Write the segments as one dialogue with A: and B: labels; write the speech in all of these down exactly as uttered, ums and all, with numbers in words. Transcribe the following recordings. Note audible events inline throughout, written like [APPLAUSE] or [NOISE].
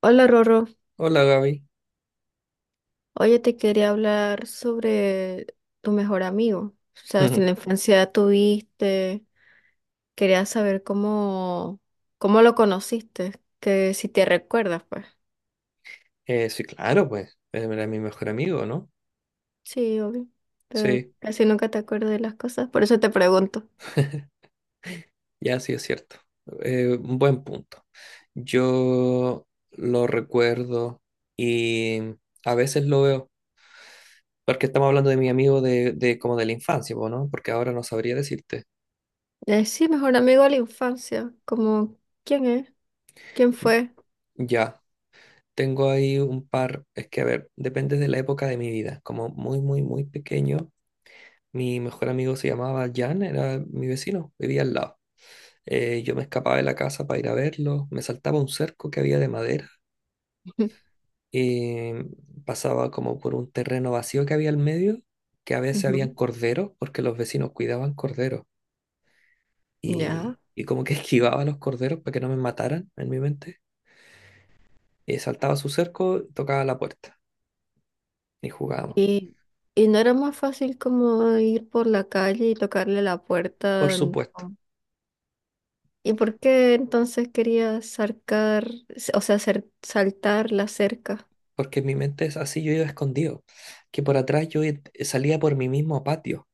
A: Hola Rorro,
B: Hola Gaby.
A: oye, te quería hablar sobre tu mejor amigo. O sea, si en la
B: [LAUGHS]
A: infancia tuviste, quería saber cómo, cómo lo conociste, que si te recuerdas, pues.
B: Eh, sí, claro, pues. eh, Era mi mejor amigo, ¿no?
A: Sí, obvio, pero
B: Sí,
A: casi nunca te acuerdas de las cosas, por eso te pregunto.
B: ya sí es cierto. Eh, un buen punto. Yo lo recuerdo y a veces lo veo, porque estamos hablando de mi amigo de, de como de la infancia, po, ¿no? Porque ahora no sabría decirte.
A: Eh, sí, mejor amigo de la infancia, como, ¿quién es? ¿Quién fue?
B: Ya, tengo ahí un par, es que a ver, depende de la época de mi vida. Como muy, muy, muy pequeño, mi mejor amigo se llamaba Jan, era mi vecino, vivía al lado. Eh, yo me escapaba de la casa para ir a verlo, me saltaba un cerco que había de madera,
A: [LAUGHS]
B: y pasaba como por un terreno vacío que había al medio, que a veces habían
A: Ujú.
B: corderos, porque los vecinos cuidaban corderos,
A: Ya.
B: y, y como que [LAUGHS] esquivaba a los corderos para que no me mataran en mi mente, y saltaba su cerco, tocaba la puerta, y jugábamos,
A: Y, y no era más fácil como ir por la calle y tocarle la
B: por
A: puerta.
B: supuesto.
A: ¿Y por qué entonces querías sarcar, o sea, hacer saltar la cerca?
B: Porque en mi mente es así, yo iba escondido, que por atrás yo i- salía por mi mismo patio.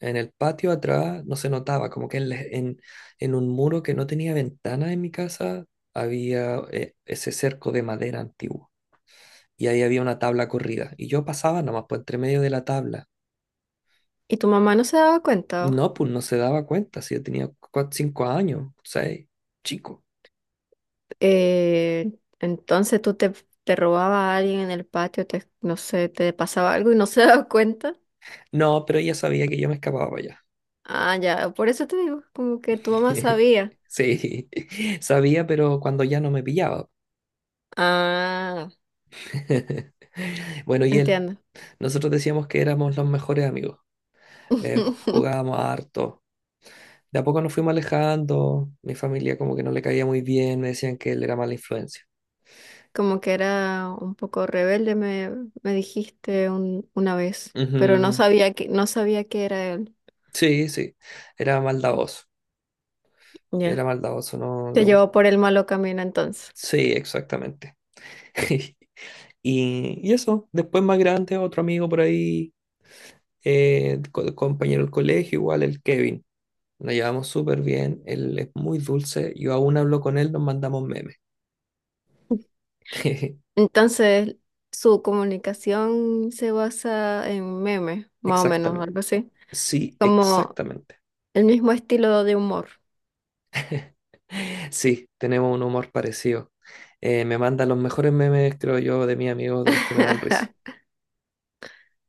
B: En el patio atrás no se notaba, como que en, la- en, en un muro que no tenía ventana en mi casa había eh, ese cerco de madera antiguo, y ahí había una tabla corrida y yo pasaba nomás por entre medio de la tabla.
A: ¿Y tu mamá no se daba cuenta?
B: No, pues no se daba cuenta, si yo tenía 5 cinco años, seis, chico.
A: Eh, entonces tú te, te, robaba a alguien en el patio, te, no sé, te pasaba algo y no [LAUGHS] se daba cuenta.
B: No, pero ella sabía que yo me escapaba para allá.
A: Ah, ya, por eso te digo, como que tu mamá
B: [LAUGHS]
A: sabía.
B: Sí, sabía, pero cuando ya no me pillaba.
A: Ah,
B: [LAUGHS] Bueno, y él,
A: entiendo.
B: nosotros decíamos que éramos los mejores amigos. Eh,
A: [LAUGHS]
B: jugábamos harto. De a poco nos fuimos alejando. Mi familia como que no le caía muy bien, me decían que él era mala influencia.
A: Como que era un poco rebelde, me, me dijiste un- una vez, pero no
B: Ujú.
A: sabía que, no sabía que era él.
B: Sí, sí, era maldadoso. Era
A: Ya.
B: maldadoso, no le
A: Te
B: gusta.
A: llevó por el malo camino entonces.
B: Sí, exactamente. [LAUGHS] Y, y eso, después más grande, otro amigo por ahí, eh, co- compañero del colegio, igual el Kevin. Nos llevamos súper bien, él es muy dulce, yo aún hablo con él, nos mandamos memes. [LAUGHS]
A: Entonces, su comunicación se basa en memes, más o menos,
B: Exactamente.
A: algo así.
B: Sí,
A: Como
B: exactamente.
A: el mismo estilo de humor.
B: Sí, tenemos un humor parecido. Eh, me manda los mejores memes, creo yo, de mis amigos, de los que me dan risa.
A: [LAUGHS]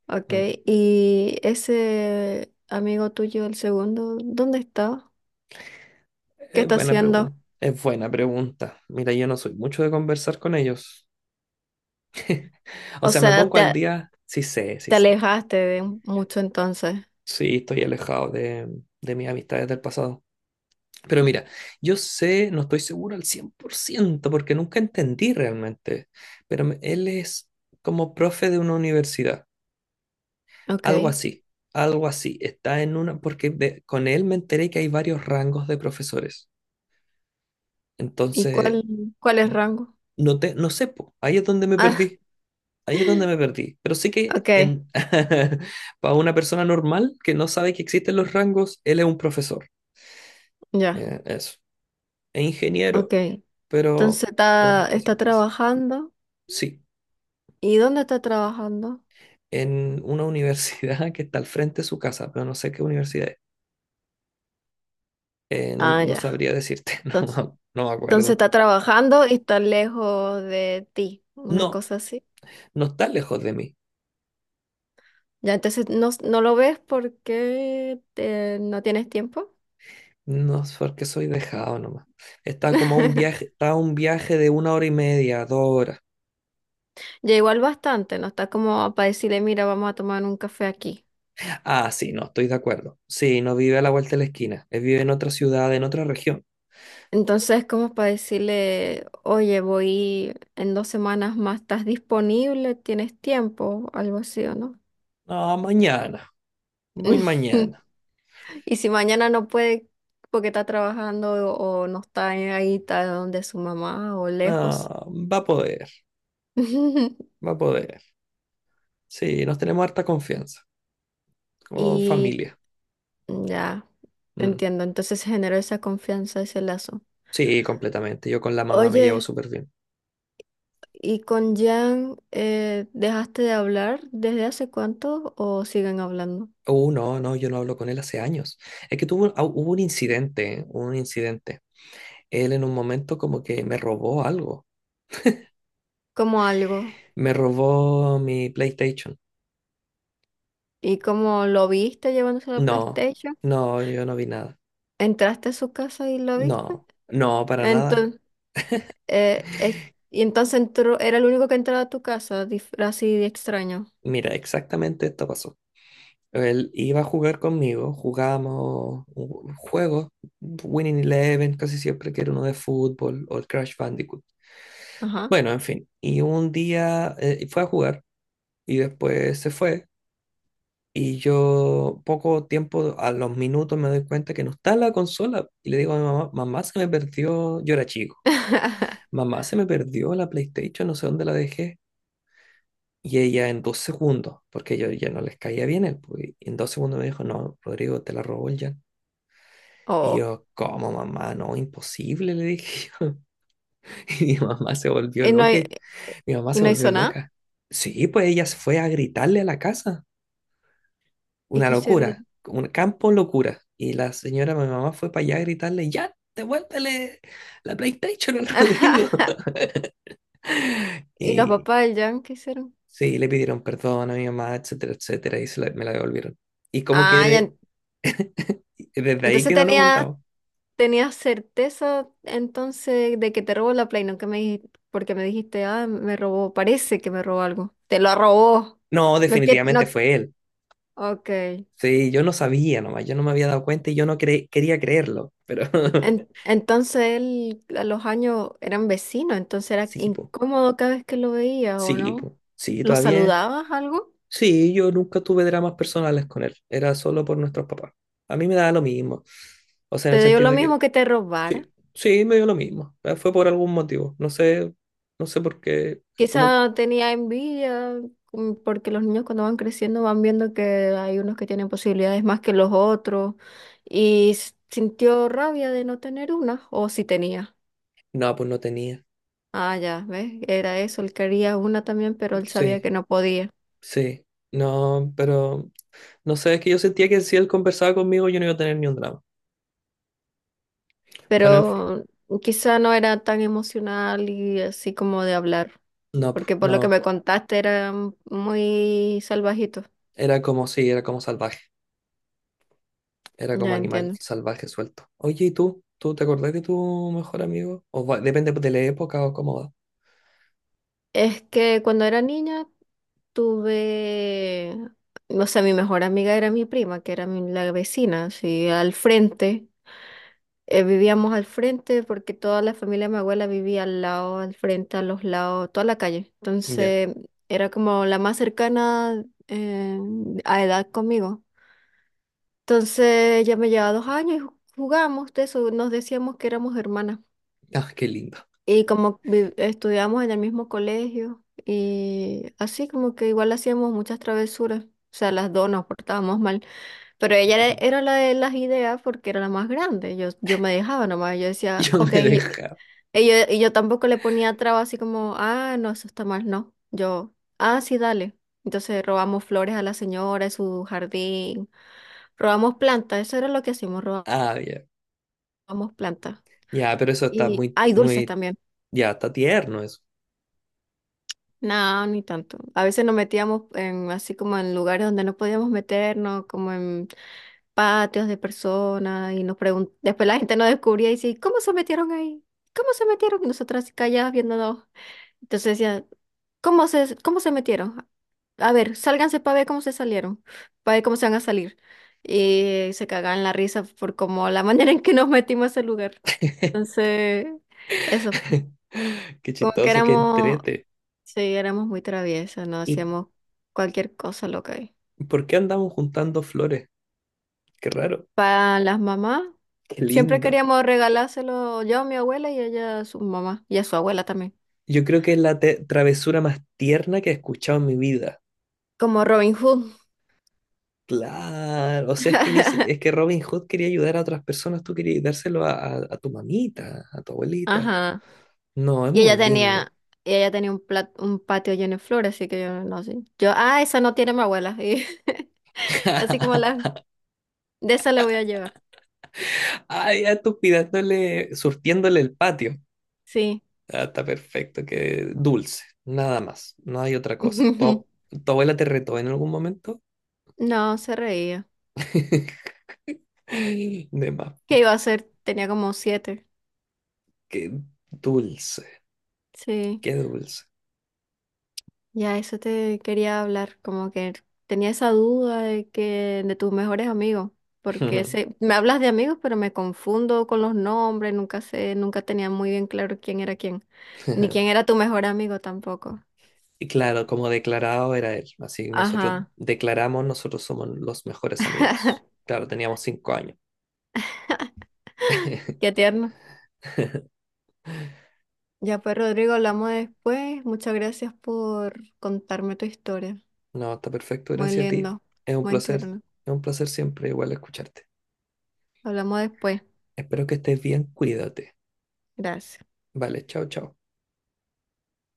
A: Ok,
B: Mm.
A: y ese amigo tuyo, el segundo, ¿dónde está? ¿Qué
B: Es
A: está
B: buena
A: haciendo?
B: pregunta. Es buena pregunta. Mira, yo no soy mucho de conversar con ellos. O
A: O
B: sea, me
A: sea,
B: pongo al
A: te,
B: día, sí sé, sí
A: te
B: sé.
A: alejaste de mucho entonces.
B: Sí, estoy alejado de, de mis amistades del pasado. Pero mira, yo sé, no estoy seguro al cien por ciento porque nunca entendí realmente, pero me- él es como profe de una universidad,
A: Ok,
B: algo así, algo así. Está en una, porque de- con él me enteré que hay varios rangos de profesores.
A: ¿y
B: Entonces,
A: cuál, cuál es rango?
B: no te, no sé, po, ahí es donde me
A: Ah,
B: perdí, ahí es donde me
A: [LAUGHS]
B: perdí. Pero sí que
A: ok,
B: en, [LAUGHS] para una persona normal que no sabe que existen los rangos, él es un profesor,
A: ya,
B: eh, eso. Es
A: ok.
B: ingeniero, pero
A: Entonces
B: le
A: está,
B: gusta
A: está
B: hacer clases.
A: trabajando.
B: Sí,
A: ¿Y dónde está trabajando?
B: en una universidad [LAUGHS] que está al frente de su casa, pero no sé qué universidad es. Eh, no,
A: Ah,
B: no
A: ya.
B: sabría decirte, [LAUGHS] no, me- no me
A: Entonces
B: acuerdo.
A: está trabajando y está lejos de ti, una
B: No,
A: cosa así.
B: no está lejos de mí.
A: Ya, entonces no, no lo ves porque te- no tienes tiempo.
B: No es porque soy dejado nomás. Está como a un viaje,
A: [LAUGHS]
B: está a un viaje de una hora y media, dos horas.
A: Ya igual bastante, no está como para decirle, mira, vamos a tomar un café aquí.
B: Ah, sí, no, estoy de acuerdo. Sí, no vive a la vuelta de la esquina. Él vive en otra ciudad, en otra región.
A: Entonces, como para decirle, oye, voy en dos semanas más, ¿estás disponible? ¿Tienes tiempo? Algo así, ¿o no?
B: No, mañana. Voy
A: [LAUGHS]
B: mañana.
A: Y si mañana no puede porque está trabajando o, o no está ahí, está donde su mamá o lejos.
B: No, va a poder,
A: [LAUGHS]
B: va a poder. Sí, nos tenemos harta confianza como
A: Y
B: familia.
A: ya,
B: Mm.
A: entiendo. Entonces se generó esa confianza, ese lazo.
B: Sí, completamente. Yo con la mamá me llevo
A: Oye,
B: súper bien.
A: ¿y con Jan eh, dejaste de hablar desde hace cuánto o siguen hablando?
B: Uh, no, no, yo no hablo con él hace años. Es que tuvo, ah, hubo un incidente, ¿eh? Hubo un incidente. Él en un momento como que me robó algo.
A: Como algo.
B: Me robó mi PlayStation.
A: ¿Y cómo lo viste llevándose la
B: No,
A: PlayStation?
B: no, yo no vi nada.
A: ¿Entraste a su casa y lo viste?
B: No, no, para nada.
A: Entonces, eh, es- y entonces entró, era el único que entraba a tu casa, dif- así de extraño.
B: Mira, exactamente esto pasó. Él iba a jugar conmigo, jugábamos un- juegos, Winning Eleven, casi siempre que era uno de fútbol, o el Crash Bandicoot.
A: Ajá.
B: Bueno, en fin, y un día eh, fue a jugar y después se fue, y yo poco tiempo, a los minutos me doy cuenta que no está la consola y le digo a mi mamá, mamá se me perdió, yo era chico,
A: [LAUGHS]
B: mamá se me perdió la PlayStation, no sé dónde la dejé. Y ella en dos segundos, porque yo ya no les caía bien, él, pues, y en dos segundos me dijo, no, Rodrigo, te la robó el Jan. Y
A: Oh.
B: yo, ¿cómo mamá? No, imposible, le dije yo. [LAUGHS] Y mi mamá se volvió
A: ¿Y no,
B: loca.
A: hi-
B: y- Mi mamá
A: y
B: se
A: no
B: volvió
A: hizo nada?
B: loca. Sí, pues ella se fue a gritarle a la casa.
A: ¿Y
B: Una
A: qué
B: locura,
A: hicieron?
B: un campo locura. Y la señora, mi mamá, fue para allá a gritarle, ya, devuélvele la PlayStation al Rodrigo.
A: [LAUGHS]
B: [LAUGHS]
A: ¿Y los
B: Y
A: papás del Jan qué hicieron?
B: sí, le pidieron perdón a mi mamá, etcétera, etcétera, y se la- me la devolvieron. Y como que
A: Ah, ya.
B: de- desde ahí
A: Entonces
B: que no nos
A: tenía,
B: juntamos.
A: tenía certeza entonces de que te robó la Play, no que me dijiste, porque me dijiste, ah, me robó, parece que me robó algo. Te lo robó.
B: No,
A: No que
B: definitivamente
A: no.
B: fue él.
A: Ok. En-
B: Sí, yo no sabía nomás, yo no me había dado cuenta y yo no cre- quería creerlo, pero [LAUGHS]
A: entonces él a los años eran vecinos, entonces era
B: sí, po,
A: incómodo cada vez que lo veías, ¿o
B: sí,
A: no?
B: po, sí,
A: ¿Lo
B: todavía,
A: saludabas algo?
B: sí, yo nunca tuve dramas personales con él, era solo por nuestros papás. A mí me daba lo mismo, o sea, en el
A: ¿Te dio
B: sentido
A: lo
B: de que,
A: mismo que te robara?
B: sí, sí, me dio lo mismo, eh, fue por algún motivo, no sé, no sé por qué, como,
A: Quizá tenía envidia, mm, porque los niños cuando van creciendo van viendo que hay unos que tienen posibilidades más que los otros y s- sintió rabia de no tener una, o si tenía.
B: no, pues no tenía,
A: Ah, ya, ¿ves? Era eso, él quería una también, pero él sabía que
B: sí,
A: no podía.
B: sí, no, pero, no sé, es que yo sentía que si él conversaba conmigo yo no iba a tener ni un drama. Bueno, en fin,
A: Pero quizá no era tan emocional y así como de hablar,
B: no, pues,
A: porque por lo que
B: no.
A: me contaste era mm, muy salvajito.
B: Era como, sí, era como salvaje, era como
A: Ya
B: animal
A: entiendo.
B: salvaje suelto. Oye, ¿y tú? ¿Tú te acordás de tu mejor amigo? O va- depende de la época o cómo va.
A: Es que cuando era niña, tuve, o sea, mi mejor amiga era mi- prima, que era mi- la vecina, así al frente. Eh, vivíamos al frente porque toda la familia de mi abuela vivía al lado, al frente, a los lados, toda la calle.
B: Ya.
A: Entonces era como la más cercana, eh, a edad conmigo. Entonces ella me llevaba dos años y ju- jugamos de eso, nos decíamos que éramos hermanas.
B: Ah, qué lindo.
A: Y como vi- estudiamos en el mismo colegio y así como que igual hacíamos muchas travesuras. O sea, las dos nos portábamos mal. Pero ella era,
B: Ujú.
A: era la de las ideas porque era la más grande. Yo, yo me dejaba nomás. Yo
B: [LAUGHS]
A: decía,
B: Yo me
A: ok, y yo,
B: dejaba.
A: y yo, y yo tampoco le ponía traba así como, ah, no, eso está mal, no. Yo, ah, sí, dale. Entonces robamos flores a la señora en su jardín, robamos plantas, eso era lo que hacíamos,
B: Ah, ya.
A: robamos plantas.
B: Ya, pero eso está
A: Y
B: muy,
A: hay dulces
B: muy,
A: también.
B: ya, está tierno eso.
A: No, ni tanto. A veces nos metíamos en, así como en lugares donde no podíamos meternos, como en patios de personas, y nos pregun- después la gente nos descubría y decía, ¿cómo se metieron ahí? ¿Cómo se metieron? Y nosotras así calladas viéndonos. Entonces decía, ¿cómo se, cómo se metieron? A ver, sálganse para ver cómo se salieron, para ver cómo se van a salir. Y se cagaban la risa por como la [LAUGHS] manera en que nos metimos a ese lugar.
B: [LAUGHS]
A: Entonces, eso,
B: Qué
A: como que
B: chistoso, qué
A: éramos
B: entrete.
A: sí, éramos muy traviesas, no
B: ¿Y
A: hacíamos cualquier cosa loca ahí.
B: por qué andamos juntando flores? Qué raro,
A: Para las mamás,
B: qué
A: siempre
B: lindo.
A: queríamos regalárselo yo a mi abuela y ella a su mamá y a su abuela también.
B: Yo creo que es la te- travesura más tierna que he escuchado en mi vida.
A: Como Robin Hood.
B: Claro, o sea, es que, ni si- es que Robin Hood quería ayudar a otras personas, tú querías dárselo a, a- a tu mamita, a tu abuelita.
A: Ajá.
B: No, es
A: Y
B: muy
A: ella
B: lindo.
A: tenía, y ella tenía un plat- un patio lleno de flores, así que yo no sé. Yo, ah, esa no tiene mi abuela. Y [LAUGHS] así
B: [LAUGHS]
A: como la, de esa la voy a llevar.
B: Ay, ya tú pidándole, surtiéndole el patio.
A: Sí.
B: Ah, está perfecto, que dulce, nada más, no hay otra cosa. ¿Tu,
A: [LAUGHS]
B: tu abuela te retó en algún momento?
A: No, se reía.
B: [LAUGHS] De más,
A: ¿Qué iba a hacer? Tenía como siete.
B: qué dulce,
A: Sí.
B: qué dulce.
A: Ya, eso te quería hablar, como que tenía esa duda de que de tus mejores amigos, porque se
B: [LAUGHS]
A: me hablas de amigos, pero me confundo con los nombres, nunca sé, nunca tenía muy bien claro quién era quién, ni quién era tu mejor amigo tampoco.
B: Y claro, como declarado era él. Así nosotros
A: Ajá,
B: declaramos, nosotros somos los mejores amigos. Claro, teníamos cinco años.
A: qué
B: [LAUGHS]
A: tierno. Ya pues, Rodrigo, hablamos después. Muchas gracias por contarme tu historia.
B: No, está perfecto,
A: Muy
B: gracias a ti.
A: lindo,
B: Es un
A: muy
B: placer, es
A: tierno.
B: un placer siempre igual escucharte.
A: Hablamos después.
B: Espero que estés bien, cuídate.
A: Gracias.
B: Vale, chao, chao.